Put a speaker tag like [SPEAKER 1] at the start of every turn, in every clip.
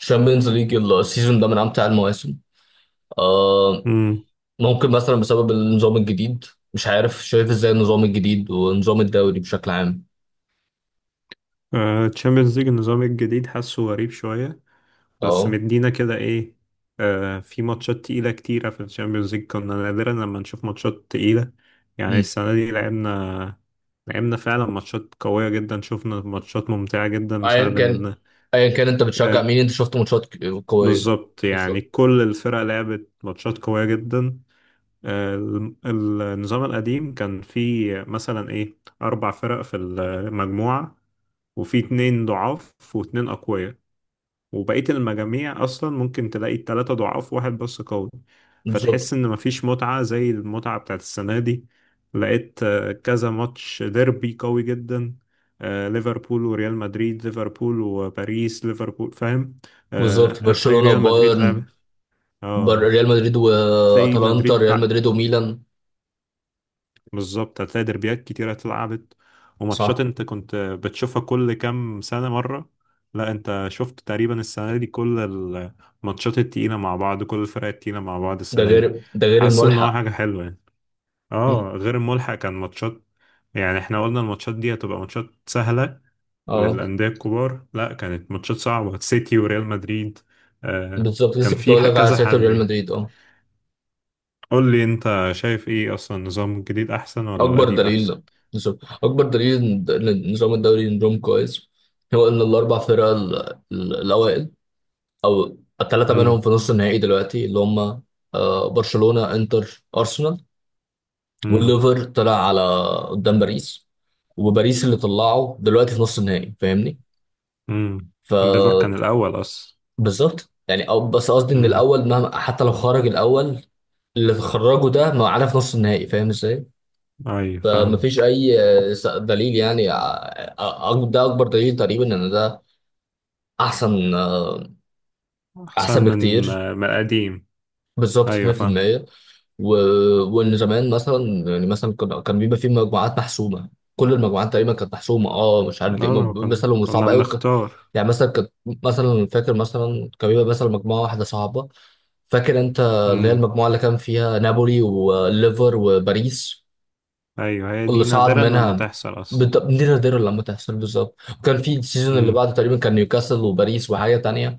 [SPEAKER 1] الشامبيونز ليج السيزون ده من امتع المواسم. آه،
[SPEAKER 2] امم
[SPEAKER 1] ممكن مثلا بسبب النظام الجديد. مش عارف شايف ازاي النظام الجديد ونظام الدوري بشكل عام.
[SPEAKER 2] تشامبيونز ليج النظام الجديد حاسه غريب شوية، بس
[SPEAKER 1] اه.
[SPEAKER 2] مدينا كده ايه. في ماتشات تقيلة كتيرة في الشامبيونز ليج، كنا نادرا لما نشوف ماتشات تقيلة. يعني
[SPEAKER 1] مم.
[SPEAKER 2] السنة دي لعبنا فعلا ماتشات قوية جدا، شفنا ماتشات ممتعة جدا
[SPEAKER 1] ايا
[SPEAKER 2] بسبب
[SPEAKER 1] كان،
[SPEAKER 2] ان.
[SPEAKER 1] انت بتشجع
[SPEAKER 2] آه
[SPEAKER 1] مين؟ انت شفت ماتشات قويه؟
[SPEAKER 2] بالظبط، يعني
[SPEAKER 1] بالظبط.
[SPEAKER 2] كل الفرق لعبت ماتشات قوية جدا. آه النظام القديم كان فيه مثلا ايه أربع فرق في المجموعة، وفي اتنين ضعاف واتنين أقوياء، وبقية المجاميع أصلا ممكن تلاقي التلاتة ضعاف واحد بس قوي.
[SPEAKER 1] بالظبط.
[SPEAKER 2] فتحس إن مفيش متعة زي المتعة بتاعت السنة دي. لقيت كذا ماتش ديربي قوي جدا. ليفربول وريال مدريد، ليفربول وباريس، ليفربول فاهم.
[SPEAKER 1] بالظبط
[SPEAKER 2] هتلاقي
[SPEAKER 1] برشلونه
[SPEAKER 2] ريال مدريد لعب.
[SPEAKER 1] وبايرن.
[SPEAKER 2] اه
[SPEAKER 1] ريال مدريد
[SPEAKER 2] هتلاقي
[SPEAKER 1] واتلانتا،
[SPEAKER 2] مدريد.
[SPEAKER 1] ريال مدريد وميلان.
[SPEAKER 2] بالظبط، هتلاقي دربيات كتيرة اتلعبت، وماتشات
[SPEAKER 1] صح.
[SPEAKER 2] انت كنت بتشوفها كل كام سنة مرة. لا، انت شفت تقريبا السنة دي كل الماتشات التقيلة مع بعض، كل الفرق التقيلة مع بعض السنة دي.
[SPEAKER 1] ده غير
[SPEAKER 2] حاسس ان هو
[SPEAKER 1] الملحق.
[SPEAKER 2] حاجة حلوة يعني.
[SPEAKER 1] مم.
[SPEAKER 2] اه غير الملحق كان ماتشات، يعني احنا قلنا الماتشات دي هتبقى ماتشات سهلة
[SPEAKER 1] اه
[SPEAKER 2] للأندية الكبار، لا كانت ماتشات صعبة، سيتي وريال مدريد. آه
[SPEAKER 1] بالظبط،
[SPEAKER 2] كان
[SPEAKER 1] لسه كنت
[SPEAKER 2] في
[SPEAKER 1] اقول لك على
[SPEAKER 2] كذا
[SPEAKER 1] سيرة
[SPEAKER 2] حد
[SPEAKER 1] ريال
[SPEAKER 2] يعني.
[SPEAKER 1] مدريد. اه
[SPEAKER 2] قول لي انت شايف ايه اصلا، النظام الجديد احسن ولا
[SPEAKER 1] اكبر
[SPEAKER 2] القديم احسن؟
[SPEAKER 1] دليل، نظام، اكبر دليل ان نظام الدوري نظام كويس، هو ان الاربع فرق الاوائل، او الثلاثه منهم في نص النهائي دلوقتي، اللي هم آه، برشلونه، انتر، ارسنال.
[SPEAKER 2] امم
[SPEAKER 1] والليفر طلع على قدام باريس، وباريس اللي طلعه دلوقتي في نص النهائي، فاهمني؟
[SPEAKER 2] امم
[SPEAKER 1] ف
[SPEAKER 2] الليفر كان الأول أصلا.
[SPEAKER 1] بالظبط يعني، او بس قصدي ان
[SPEAKER 2] امم
[SPEAKER 1] الاول مهما، حتى لو خرج الاول اللي خرجه ده، ما عارف نص النهائي فاهم ازاي.
[SPEAKER 2] أيوة فاهم.
[SPEAKER 1] فمفيش اي آه، دليل يعني آه، آه، ده اكبر دليل تقريبا ان ده احسن آه،
[SPEAKER 2] أحسن
[SPEAKER 1] احسن
[SPEAKER 2] من،
[SPEAKER 1] بكتير،
[SPEAKER 2] من قديم.
[SPEAKER 1] بالظبط
[SPEAKER 2] أيوة فاهم.
[SPEAKER 1] 100%. و... وان زمان مثلا، يعني مثلا كان بيبقى في مجموعات محسومه، كل المجموعات تقريبا كانت محسومه. اه مش عارف ايه
[SPEAKER 2] كنا
[SPEAKER 1] مثلا، وصعب
[SPEAKER 2] كنا
[SPEAKER 1] قوي
[SPEAKER 2] بنختار.
[SPEAKER 1] يعني مثلا كنت، مثلا فاكر مثلا كان بيبقى مثلا مجموعه واحده صعبه. فاكر انت اللي هي
[SPEAKER 2] امم
[SPEAKER 1] المجموعه اللي كان فيها نابولي وليفر وباريس؟
[SPEAKER 2] أيوة، هي
[SPEAKER 1] اللي
[SPEAKER 2] دي
[SPEAKER 1] صعد
[SPEAKER 2] نادرا لما
[SPEAKER 1] منها،
[SPEAKER 2] تحصل أصلا.
[SPEAKER 1] نادر لما تحصل، بالظبط. وكان في السيزون اللي
[SPEAKER 2] امم
[SPEAKER 1] بعده تقريبا كان نيوكاسل وباريس وحاجه تانية،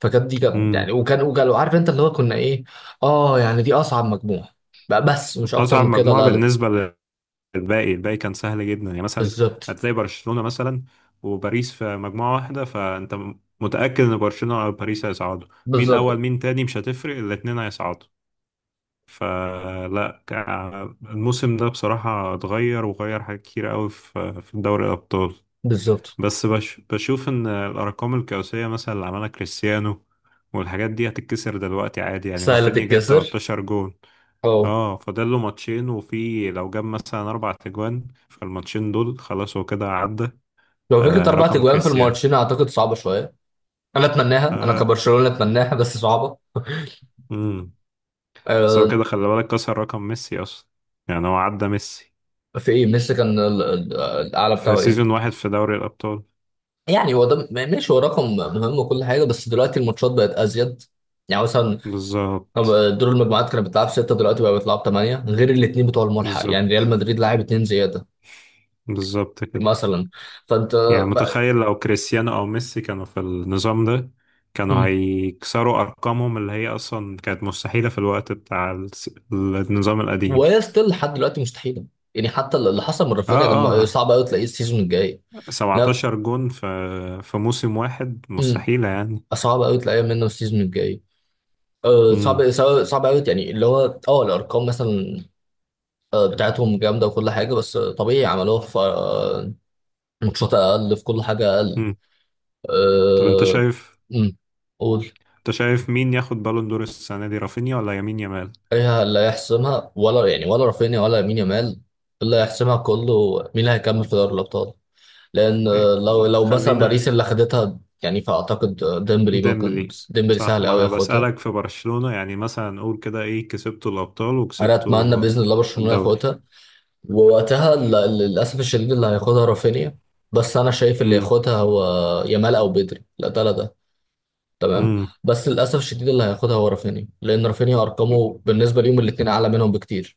[SPEAKER 1] فكانت دي كانت يعني،
[SPEAKER 2] امم
[SPEAKER 1] وكان عارف انت اللي هو كنا ايه. اه يعني دي اصعب مجموعه بقى، بس مش اكتر
[SPEAKER 2] أصعب
[SPEAKER 1] من كده،
[SPEAKER 2] مجموعة
[SPEAKER 1] لا لا.
[SPEAKER 2] بالنسبة للباقي، الباقي كان سهل جدا، يعني مثلا
[SPEAKER 1] بالظبط.
[SPEAKER 2] هتلاقي برشلونة مثلا وباريس في مجموعة واحدة، فأنت متأكد إن برشلونة أو باريس هيصعدوا، مين أول
[SPEAKER 1] بالظبط.
[SPEAKER 2] مين تاني مش هتفرق، الاتنين هيصعدوا. الموسم ده بصراحة اتغير، وغير حاجات كتير قوي في دوري الأبطال.
[SPEAKER 1] بالظبط
[SPEAKER 2] بس بشوف إن الأرقام القياسية مثلا اللي عملها كريستيانو والحاجات دي هتتكسر دلوقتي عادي، يعني
[SPEAKER 1] سهله
[SPEAKER 2] رافينيا جاب
[SPEAKER 1] تتكسر.
[SPEAKER 2] 13 جون.
[SPEAKER 1] اه
[SPEAKER 2] اه، فاضل له ماتشين، وفي لو جاب مثلا أربع تجوان، فالماتشين دول خلاص هو كده عدى.
[SPEAKER 1] لو فكره اربع
[SPEAKER 2] رقم
[SPEAKER 1] تجوان في
[SPEAKER 2] كريستيانو.
[SPEAKER 1] الماتشين، اعتقد صعبه شويه. انا اتمناها، انا
[SPEAKER 2] آه
[SPEAKER 1] كبرشلونه اتمناها بس صعبه.
[SPEAKER 2] مم. بس هو
[SPEAKER 1] آه،
[SPEAKER 2] كده خلي بالك، كسر رقم ميسي أصلا، يعني هو عدى ميسي
[SPEAKER 1] في ايه ميسي كان الاعلى
[SPEAKER 2] في
[SPEAKER 1] بتاعه
[SPEAKER 2] سيزون
[SPEAKER 1] ايه؟
[SPEAKER 2] واحد في دوري الأبطال.
[SPEAKER 1] يعني هو ده ماشي، هو رقم مهم وكل حاجه، بس دلوقتي الماتشات بقت ازيد. يعني مثلا
[SPEAKER 2] بالظبط،
[SPEAKER 1] دور المجموعات كانت بتلعب سته، دلوقتي بقى بتلعب ثمانيه، غير الاثنين بتوع الملحق، يعني ريال
[SPEAKER 2] بالظبط،
[SPEAKER 1] مدريد لاعب اثنين زياده
[SPEAKER 2] بالظبط كده.
[SPEAKER 1] مثلا. فانت
[SPEAKER 2] يعني
[SPEAKER 1] بقى.
[SPEAKER 2] متخيل لو كريستيانو او ميسي كانوا في النظام ده، كانوا
[SPEAKER 1] مم.
[SPEAKER 2] هيكسروا ارقامهم اللي هي اصلا كانت مستحيلة في الوقت بتاع النظام القديم.
[SPEAKER 1] وهي ستيل لحد دلوقتي مستحيله، يعني حتى اللي حصل من
[SPEAKER 2] اه،
[SPEAKER 1] رافينيا لما،
[SPEAKER 2] اه،
[SPEAKER 1] صعب قوي تلاقيه السيزون الجاي. لا.
[SPEAKER 2] 17 جون في موسم واحد،
[SPEAKER 1] مم.
[SPEAKER 2] مستحيلة يعني.
[SPEAKER 1] صعب قوي تلاقيه منه السيزون الجاي. أه،
[SPEAKER 2] امم
[SPEAKER 1] صعب صعب صعب قوي يعني، اللي هو اه الارقام مثلا آه، بتاعتهم جامده وكل حاجه، بس آه، طبيعي عملوها في آه، ماتشات اقل، في كل حاجه اقل.
[SPEAKER 2] امم طب انت
[SPEAKER 1] أه...
[SPEAKER 2] شايف،
[SPEAKER 1] أمم. قول.
[SPEAKER 2] انت شايف مين ياخد بالون دور السنة دي، رافينيا ولا يمين يامال؟
[SPEAKER 1] ايه اللي هيحسمها، ولا يعني ولا رافينيا ولا يمين يامال؟ اللي هيحسمها كله مين اللي هيكمل في دوري الابطال، لان آه،
[SPEAKER 2] إيه،
[SPEAKER 1] لو مثلا باريس
[SPEAKER 2] خلينا
[SPEAKER 1] اللي خدتها يعني، فاعتقد آه، ديمبلي، ممكن
[SPEAKER 2] ديمبلي.
[SPEAKER 1] ديمبلي
[SPEAKER 2] صح،
[SPEAKER 1] سهل
[SPEAKER 2] ما
[SPEAKER 1] قوي
[SPEAKER 2] انا
[SPEAKER 1] ياخدها.
[SPEAKER 2] بسألك في برشلونة، يعني مثلا قول كده ايه، كسبتوا الابطال
[SPEAKER 1] انا اتمنى
[SPEAKER 2] وكسبتوا
[SPEAKER 1] باذن الله برشلونه
[SPEAKER 2] الدوري.
[SPEAKER 1] ياخدها، ووقتها للاسف الشديد اللي هياخدها رافينيا، بس انا شايف اللي
[SPEAKER 2] امم
[SPEAKER 1] ياخدها هو يامال، او بدري لا ده، تمام.
[SPEAKER 2] امم
[SPEAKER 1] بس للاسف الشديد اللي هياخدها هو رافينيا، لان رافينيا ارقامه بالنسبه ليهم الاثنين اعلى منهم بكتير.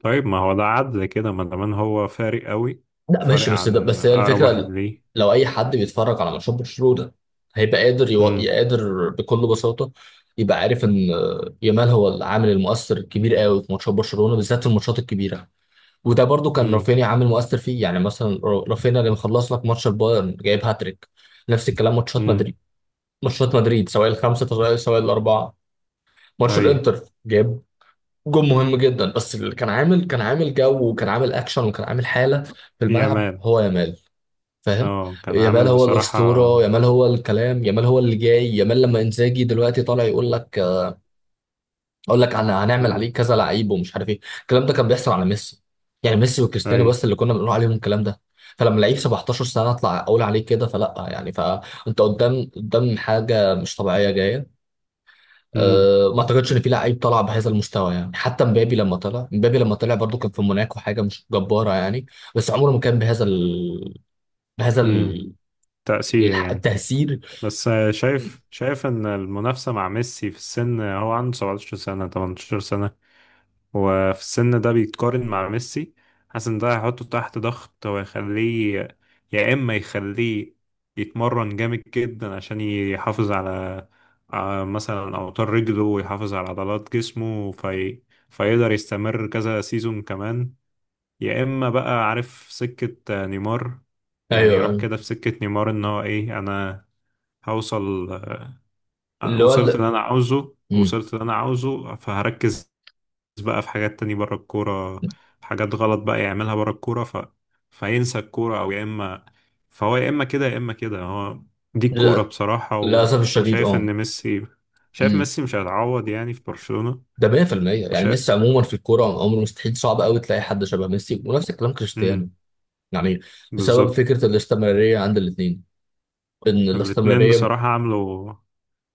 [SPEAKER 2] طيب، ما هو ده عدل كده ما دام هو فارق قوي،
[SPEAKER 1] لا
[SPEAKER 2] فارق
[SPEAKER 1] ماشي، بس ده
[SPEAKER 2] عن
[SPEAKER 1] بس هي
[SPEAKER 2] اقرب واحد
[SPEAKER 1] الفكره.
[SPEAKER 2] ليه.
[SPEAKER 1] لو اي حد بيتفرج على ماتشات برشلونه، هيبقى قادر
[SPEAKER 2] امم
[SPEAKER 1] قادر بكل بساطه يبقى عارف ان يامال هو العامل المؤثر الكبير قوي في ماتشات برشلونه، بالذات في الماتشات الكبيره. وده برضو كان
[SPEAKER 2] امم
[SPEAKER 1] رافينيا عامل مؤثر فيه، يعني مثلا رافينيا اللي مخلص لك ماتش البايرن جايب هاتريك. نفس الكلام ماتشات
[SPEAKER 2] امم
[SPEAKER 1] مدريد، ماتشات مدريد سواء الخمسه سواء الاربعه، ماتش
[SPEAKER 2] اي
[SPEAKER 1] الانتر، جاب جون مهم جدا، بس اللي كان عامل، كان عامل جو وكان عامل اكشن وكان عامل حاله في الملعب
[SPEAKER 2] يامال.
[SPEAKER 1] هو يامال. فاهم؟
[SPEAKER 2] اه، كان
[SPEAKER 1] يامال
[SPEAKER 2] عامل
[SPEAKER 1] هو
[SPEAKER 2] بصراحة.
[SPEAKER 1] الاسطوره، يامال هو الكلام، يامال هو اللي جاي، يامال لما انزاجي دلوقتي طالع يقول لك، اقول لك انا هنعمل عليه
[SPEAKER 2] امم
[SPEAKER 1] كذا لعيب ومش عارف ايه، الكلام ده كان بيحصل على ميسي، يعني ميسي وكريستيانو
[SPEAKER 2] اي
[SPEAKER 1] بس اللي كنا بنقول عليهم الكلام ده. فلما لعيب 17 سنه اطلع اقول عليه كده، فلا يعني، فانت قدام، قدام حاجه مش طبيعيه جايه.
[SPEAKER 2] امم
[SPEAKER 1] أه ما اعتقدش ان في لعيب طلع بهذا المستوى، يعني حتى مبابي لما طلع، مبابي لما طلع برضو كان في موناكو، حاجه مش جباره يعني، بس عمره ما كان بهذا بهذا
[SPEAKER 2] امم تأثير يعني.
[SPEAKER 1] التأثير.
[SPEAKER 2] بس شايف، شايف ان المنافسة مع ميسي في السن، هو عنده 17 سنة، 18 سنة، هو في السن ده بيتقارن مع ميسي. حاسس ان ده هيحطه تحت ضغط ويخليه، يا اما يخليه يتمرن جامد جدا عشان يحافظ على، على مثلا اوتار رجله، ويحافظ على عضلات جسمه، في... فيقدر يستمر كذا سيزون كمان، يا اما بقى عارف سكة نيمار، يعني
[SPEAKER 1] ايوه
[SPEAKER 2] يروح
[SPEAKER 1] أيوة.
[SPEAKER 2] كده في سكة نيمار ان هو ايه، انا هوصل،
[SPEAKER 1] اللي هو
[SPEAKER 2] وصلت اللي انا عاوزه،
[SPEAKER 1] مم.
[SPEAKER 2] وصلت اللي انا عاوزه، فهركز بقى في حاجات تانية بره الكورة، حاجات غلط بقى يعملها بره الكورة، ف... فينسى الكورة، أو يا إما، فهو يا إما كده يا إما كده، هو دي الكورة
[SPEAKER 1] لل-
[SPEAKER 2] بصراحة. و...
[SPEAKER 1] للاسف الشديد
[SPEAKER 2] وشايف
[SPEAKER 1] اه.
[SPEAKER 2] إن ميسي، شايف
[SPEAKER 1] مم.
[SPEAKER 2] ميسي مش هيتعوض يعني في برشلونة.
[SPEAKER 1] ده 100% يعني.
[SPEAKER 2] وشايف.
[SPEAKER 1] ميسي عموما في الكوره عمره، مستحيل، صعب قوي تلاقي حد شبه ميسي، ونفس الكلام
[SPEAKER 2] امم
[SPEAKER 1] كريستيانو، يعني بسبب
[SPEAKER 2] بالظبط.
[SPEAKER 1] فكره الاستمراريه عند الاثنين، ان
[SPEAKER 2] الاتنين
[SPEAKER 1] الاستمراريه.
[SPEAKER 2] بصراحة عملوا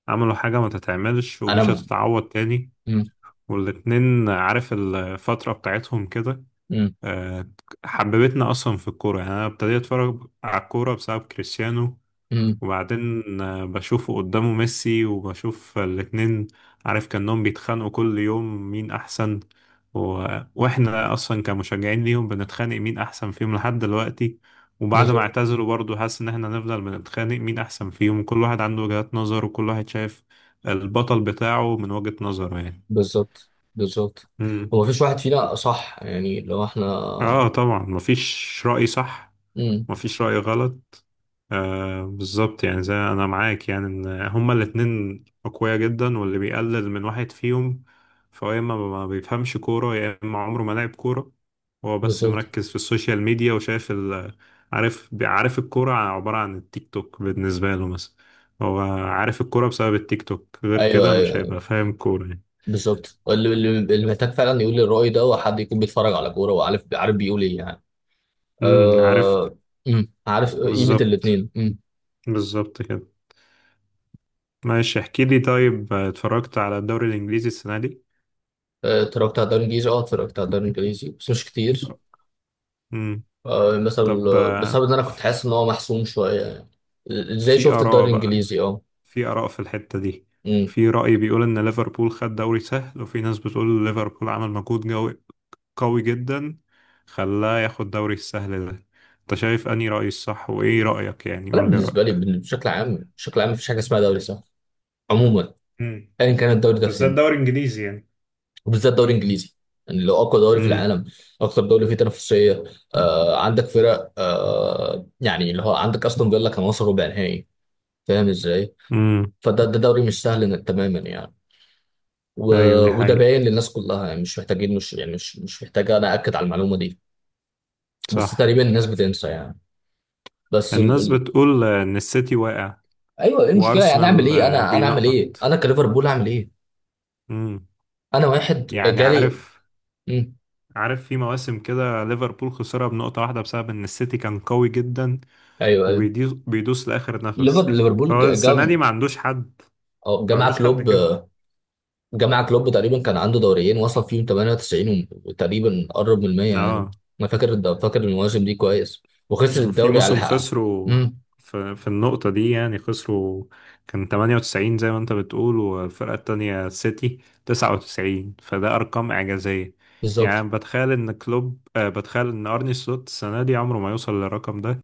[SPEAKER 2] عملوا حاجة ما تتعملش، ومش
[SPEAKER 1] انا.
[SPEAKER 2] هتتعوض تاني.
[SPEAKER 1] مم.
[SPEAKER 2] والاتنين عارف الفترة بتاعتهم كده.
[SPEAKER 1] مم.
[SPEAKER 2] آه، حببتنا أصلا في الكورة، يعني أنا ابتديت أتفرج على الكورة بسبب كريستيانو،
[SPEAKER 1] مم.
[SPEAKER 2] وبعدين بشوفه قدامه ميسي، وبشوف الاتنين، عارف كأنهم بيتخانقوا كل يوم مين أحسن. و... وإحنا أصلا كمشجعين ليهم بنتخانق مين أحسن فيهم لحد دلوقتي، وبعد ما
[SPEAKER 1] بالظبط.
[SPEAKER 2] اعتزلوا برضه حاسس إن إحنا نفضل بنتخانق مين أحسن فيهم، كل واحد عنده وجهات نظر، وكل واحد شايف البطل بتاعه من وجهة نظره يعني.
[SPEAKER 1] بالظبط. بالظبط
[SPEAKER 2] مم.
[SPEAKER 1] هو مفيش واحد فينا صح، يعني لو احنا.
[SPEAKER 2] طبعا، مفيش رأي صح،
[SPEAKER 1] امم.
[SPEAKER 2] مفيش رأي غلط. بالظبط، يعني زي انا معاك، يعني ان هما الاتنين اقوياء جدا، واللي بيقلل من واحد فيهم فهو يا اما ما بيفهمش كورة، يا اما عمره ما لعب كورة، هو بس
[SPEAKER 1] بالظبط.
[SPEAKER 2] مركز في السوشيال ميديا، وشايف ال، عارف، عارف الكورة عبارة عن التيك توك بالنسبة له، مثلا هو عارف الكورة بسبب التيك توك، غير
[SPEAKER 1] ايوه
[SPEAKER 2] كده مش
[SPEAKER 1] ايوه
[SPEAKER 2] هيبقى فاهم كورة يعني.
[SPEAKER 1] بالظبط. اللي محتاج فعلا يقول الرأي ده هو حد يكون بيتفرج على كورة، وعارف، عارف بيقول ايه يعني.
[SPEAKER 2] عارف.
[SPEAKER 1] أه... عارف قيمة
[SPEAKER 2] بالظبط،
[SPEAKER 1] الاثنين. امم.
[SPEAKER 2] بالظبط كده. ماشي، احكي لي طيب، اتفرجت على الدوري الانجليزي السنة دي؟
[SPEAKER 1] آه، اتفرجت على الدوري الانجليزي، اه اتفرجت على الدوري الانجليزي بس مش كتير.
[SPEAKER 2] امم
[SPEAKER 1] أه... مثلا
[SPEAKER 2] طب
[SPEAKER 1] بسبب ان انا كنت حاسس ان هو محسوم شوية يعني. ازاي
[SPEAKER 2] في
[SPEAKER 1] شفت الدوري
[SPEAKER 2] آراء بقى،
[SPEAKER 1] الانجليزي؟ اه.
[SPEAKER 2] في آراء في الحتة دي،
[SPEAKER 1] امم.
[SPEAKER 2] في رأي بيقول إن ليفربول خد دوري سهل، وفي ناس بتقول ليفربول عمل مجهود قوي جدا، خلاه ياخد دوري السهل ده. أنت شايف أنهي رأي الصح؟ وإيه رأيك يعني؟
[SPEAKER 1] انا
[SPEAKER 2] قول لي
[SPEAKER 1] بالنسبة لي،
[SPEAKER 2] رأيك.
[SPEAKER 1] بشكل عام مفيش حاجة اسمها دوري سهل، عموما،
[SPEAKER 2] امم
[SPEAKER 1] ايا كان الدوري ده
[SPEAKER 2] بالذات
[SPEAKER 1] فين.
[SPEAKER 2] دوري انجليزي يعني.
[SPEAKER 1] وبالذات الدوري الانجليزي، يعني لو اقوى دوري في
[SPEAKER 2] امم
[SPEAKER 1] العالم، اكتر دوري فيه تنافسيه، آه عندك فرق آه يعني، اللي هو عندك استون فيلا كان وصل ربع نهائي، فاهم ازاي؟
[SPEAKER 2] امم
[SPEAKER 1] فده ده دوري مش سهل تماما يعني. و...
[SPEAKER 2] ايوه، دي
[SPEAKER 1] وده
[SPEAKER 2] حقيقة.
[SPEAKER 1] باين للناس كلها يعني، مش محتاجين، مش يعني، مش محتاج انا اكد على المعلومه دي، بس
[SPEAKER 2] صح.
[SPEAKER 1] تقريبا الناس بتنسى يعني. بس
[SPEAKER 2] الناس
[SPEAKER 1] ال...
[SPEAKER 2] بتقول ان السيتي واقع،
[SPEAKER 1] ايوه ايه المشكله يعني؟ اعمل
[SPEAKER 2] وارسنال
[SPEAKER 1] ايه انا، اعمل ايه
[SPEAKER 2] بينقط.
[SPEAKER 1] انا كليفربول، اعمل ايه؟
[SPEAKER 2] امم
[SPEAKER 1] انا واحد
[SPEAKER 2] يعني
[SPEAKER 1] جالي.
[SPEAKER 2] عارف،
[SPEAKER 1] مم.
[SPEAKER 2] عارف في مواسم كده ليفربول خسرها بنقطة واحدة بسبب إن السيتي كان قوي جدا،
[SPEAKER 1] ايوه ايوه.
[SPEAKER 2] وبيدوس بيدوس لآخر نفس.
[SPEAKER 1] ليفربول
[SPEAKER 2] هو السنة دي ما عندوش حد،
[SPEAKER 1] جا
[SPEAKER 2] ما
[SPEAKER 1] مع
[SPEAKER 2] عندوش حد
[SPEAKER 1] كلوب،
[SPEAKER 2] كده.
[SPEAKER 1] جمع كلوب تقريبا كان عنده دوريين وصل فيهم 98، وتقريبا قرب من 100 يعني.
[SPEAKER 2] اه،
[SPEAKER 1] انا فاكر فاكر المواسم دي كويس، وخسر
[SPEAKER 2] وفي
[SPEAKER 1] الدوري على
[SPEAKER 2] موسم
[SPEAKER 1] حقها.
[SPEAKER 2] خسروا،
[SPEAKER 1] امم.
[SPEAKER 2] في النقطة دي يعني خسروا. كان 98 زي ما انت بتقول، والفرقة التانية السيتي 99، فده أرقام إعجازية.
[SPEAKER 1] بالظبط.
[SPEAKER 2] يعني بتخيل إن كلوب، بتخيل إن أرني سلوت السنة دي عمره ما يوصل للرقم ده،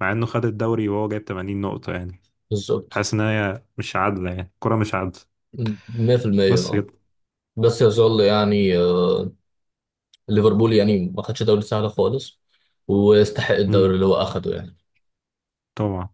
[SPEAKER 2] مع إنه خد الدوري وهو جايب 80 نقطة يعني.
[SPEAKER 1] بالظبط
[SPEAKER 2] حاسس ان هي مش عادله، يعني الكره مش عادله.
[SPEAKER 1] 100%
[SPEAKER 2] بس
[SPEAKER 1] اه.
[SPEAKER 2] كده.
[SPEAKER 1] بس يظل يعني آه، ليفربول يعني ما خدش دوري سهل خالص، ويستحق الدوري
[SPEAKER 2] امم
[SPEAKER 1] اللي هو اخده يعني.
[SPEAKER 2] طبعا.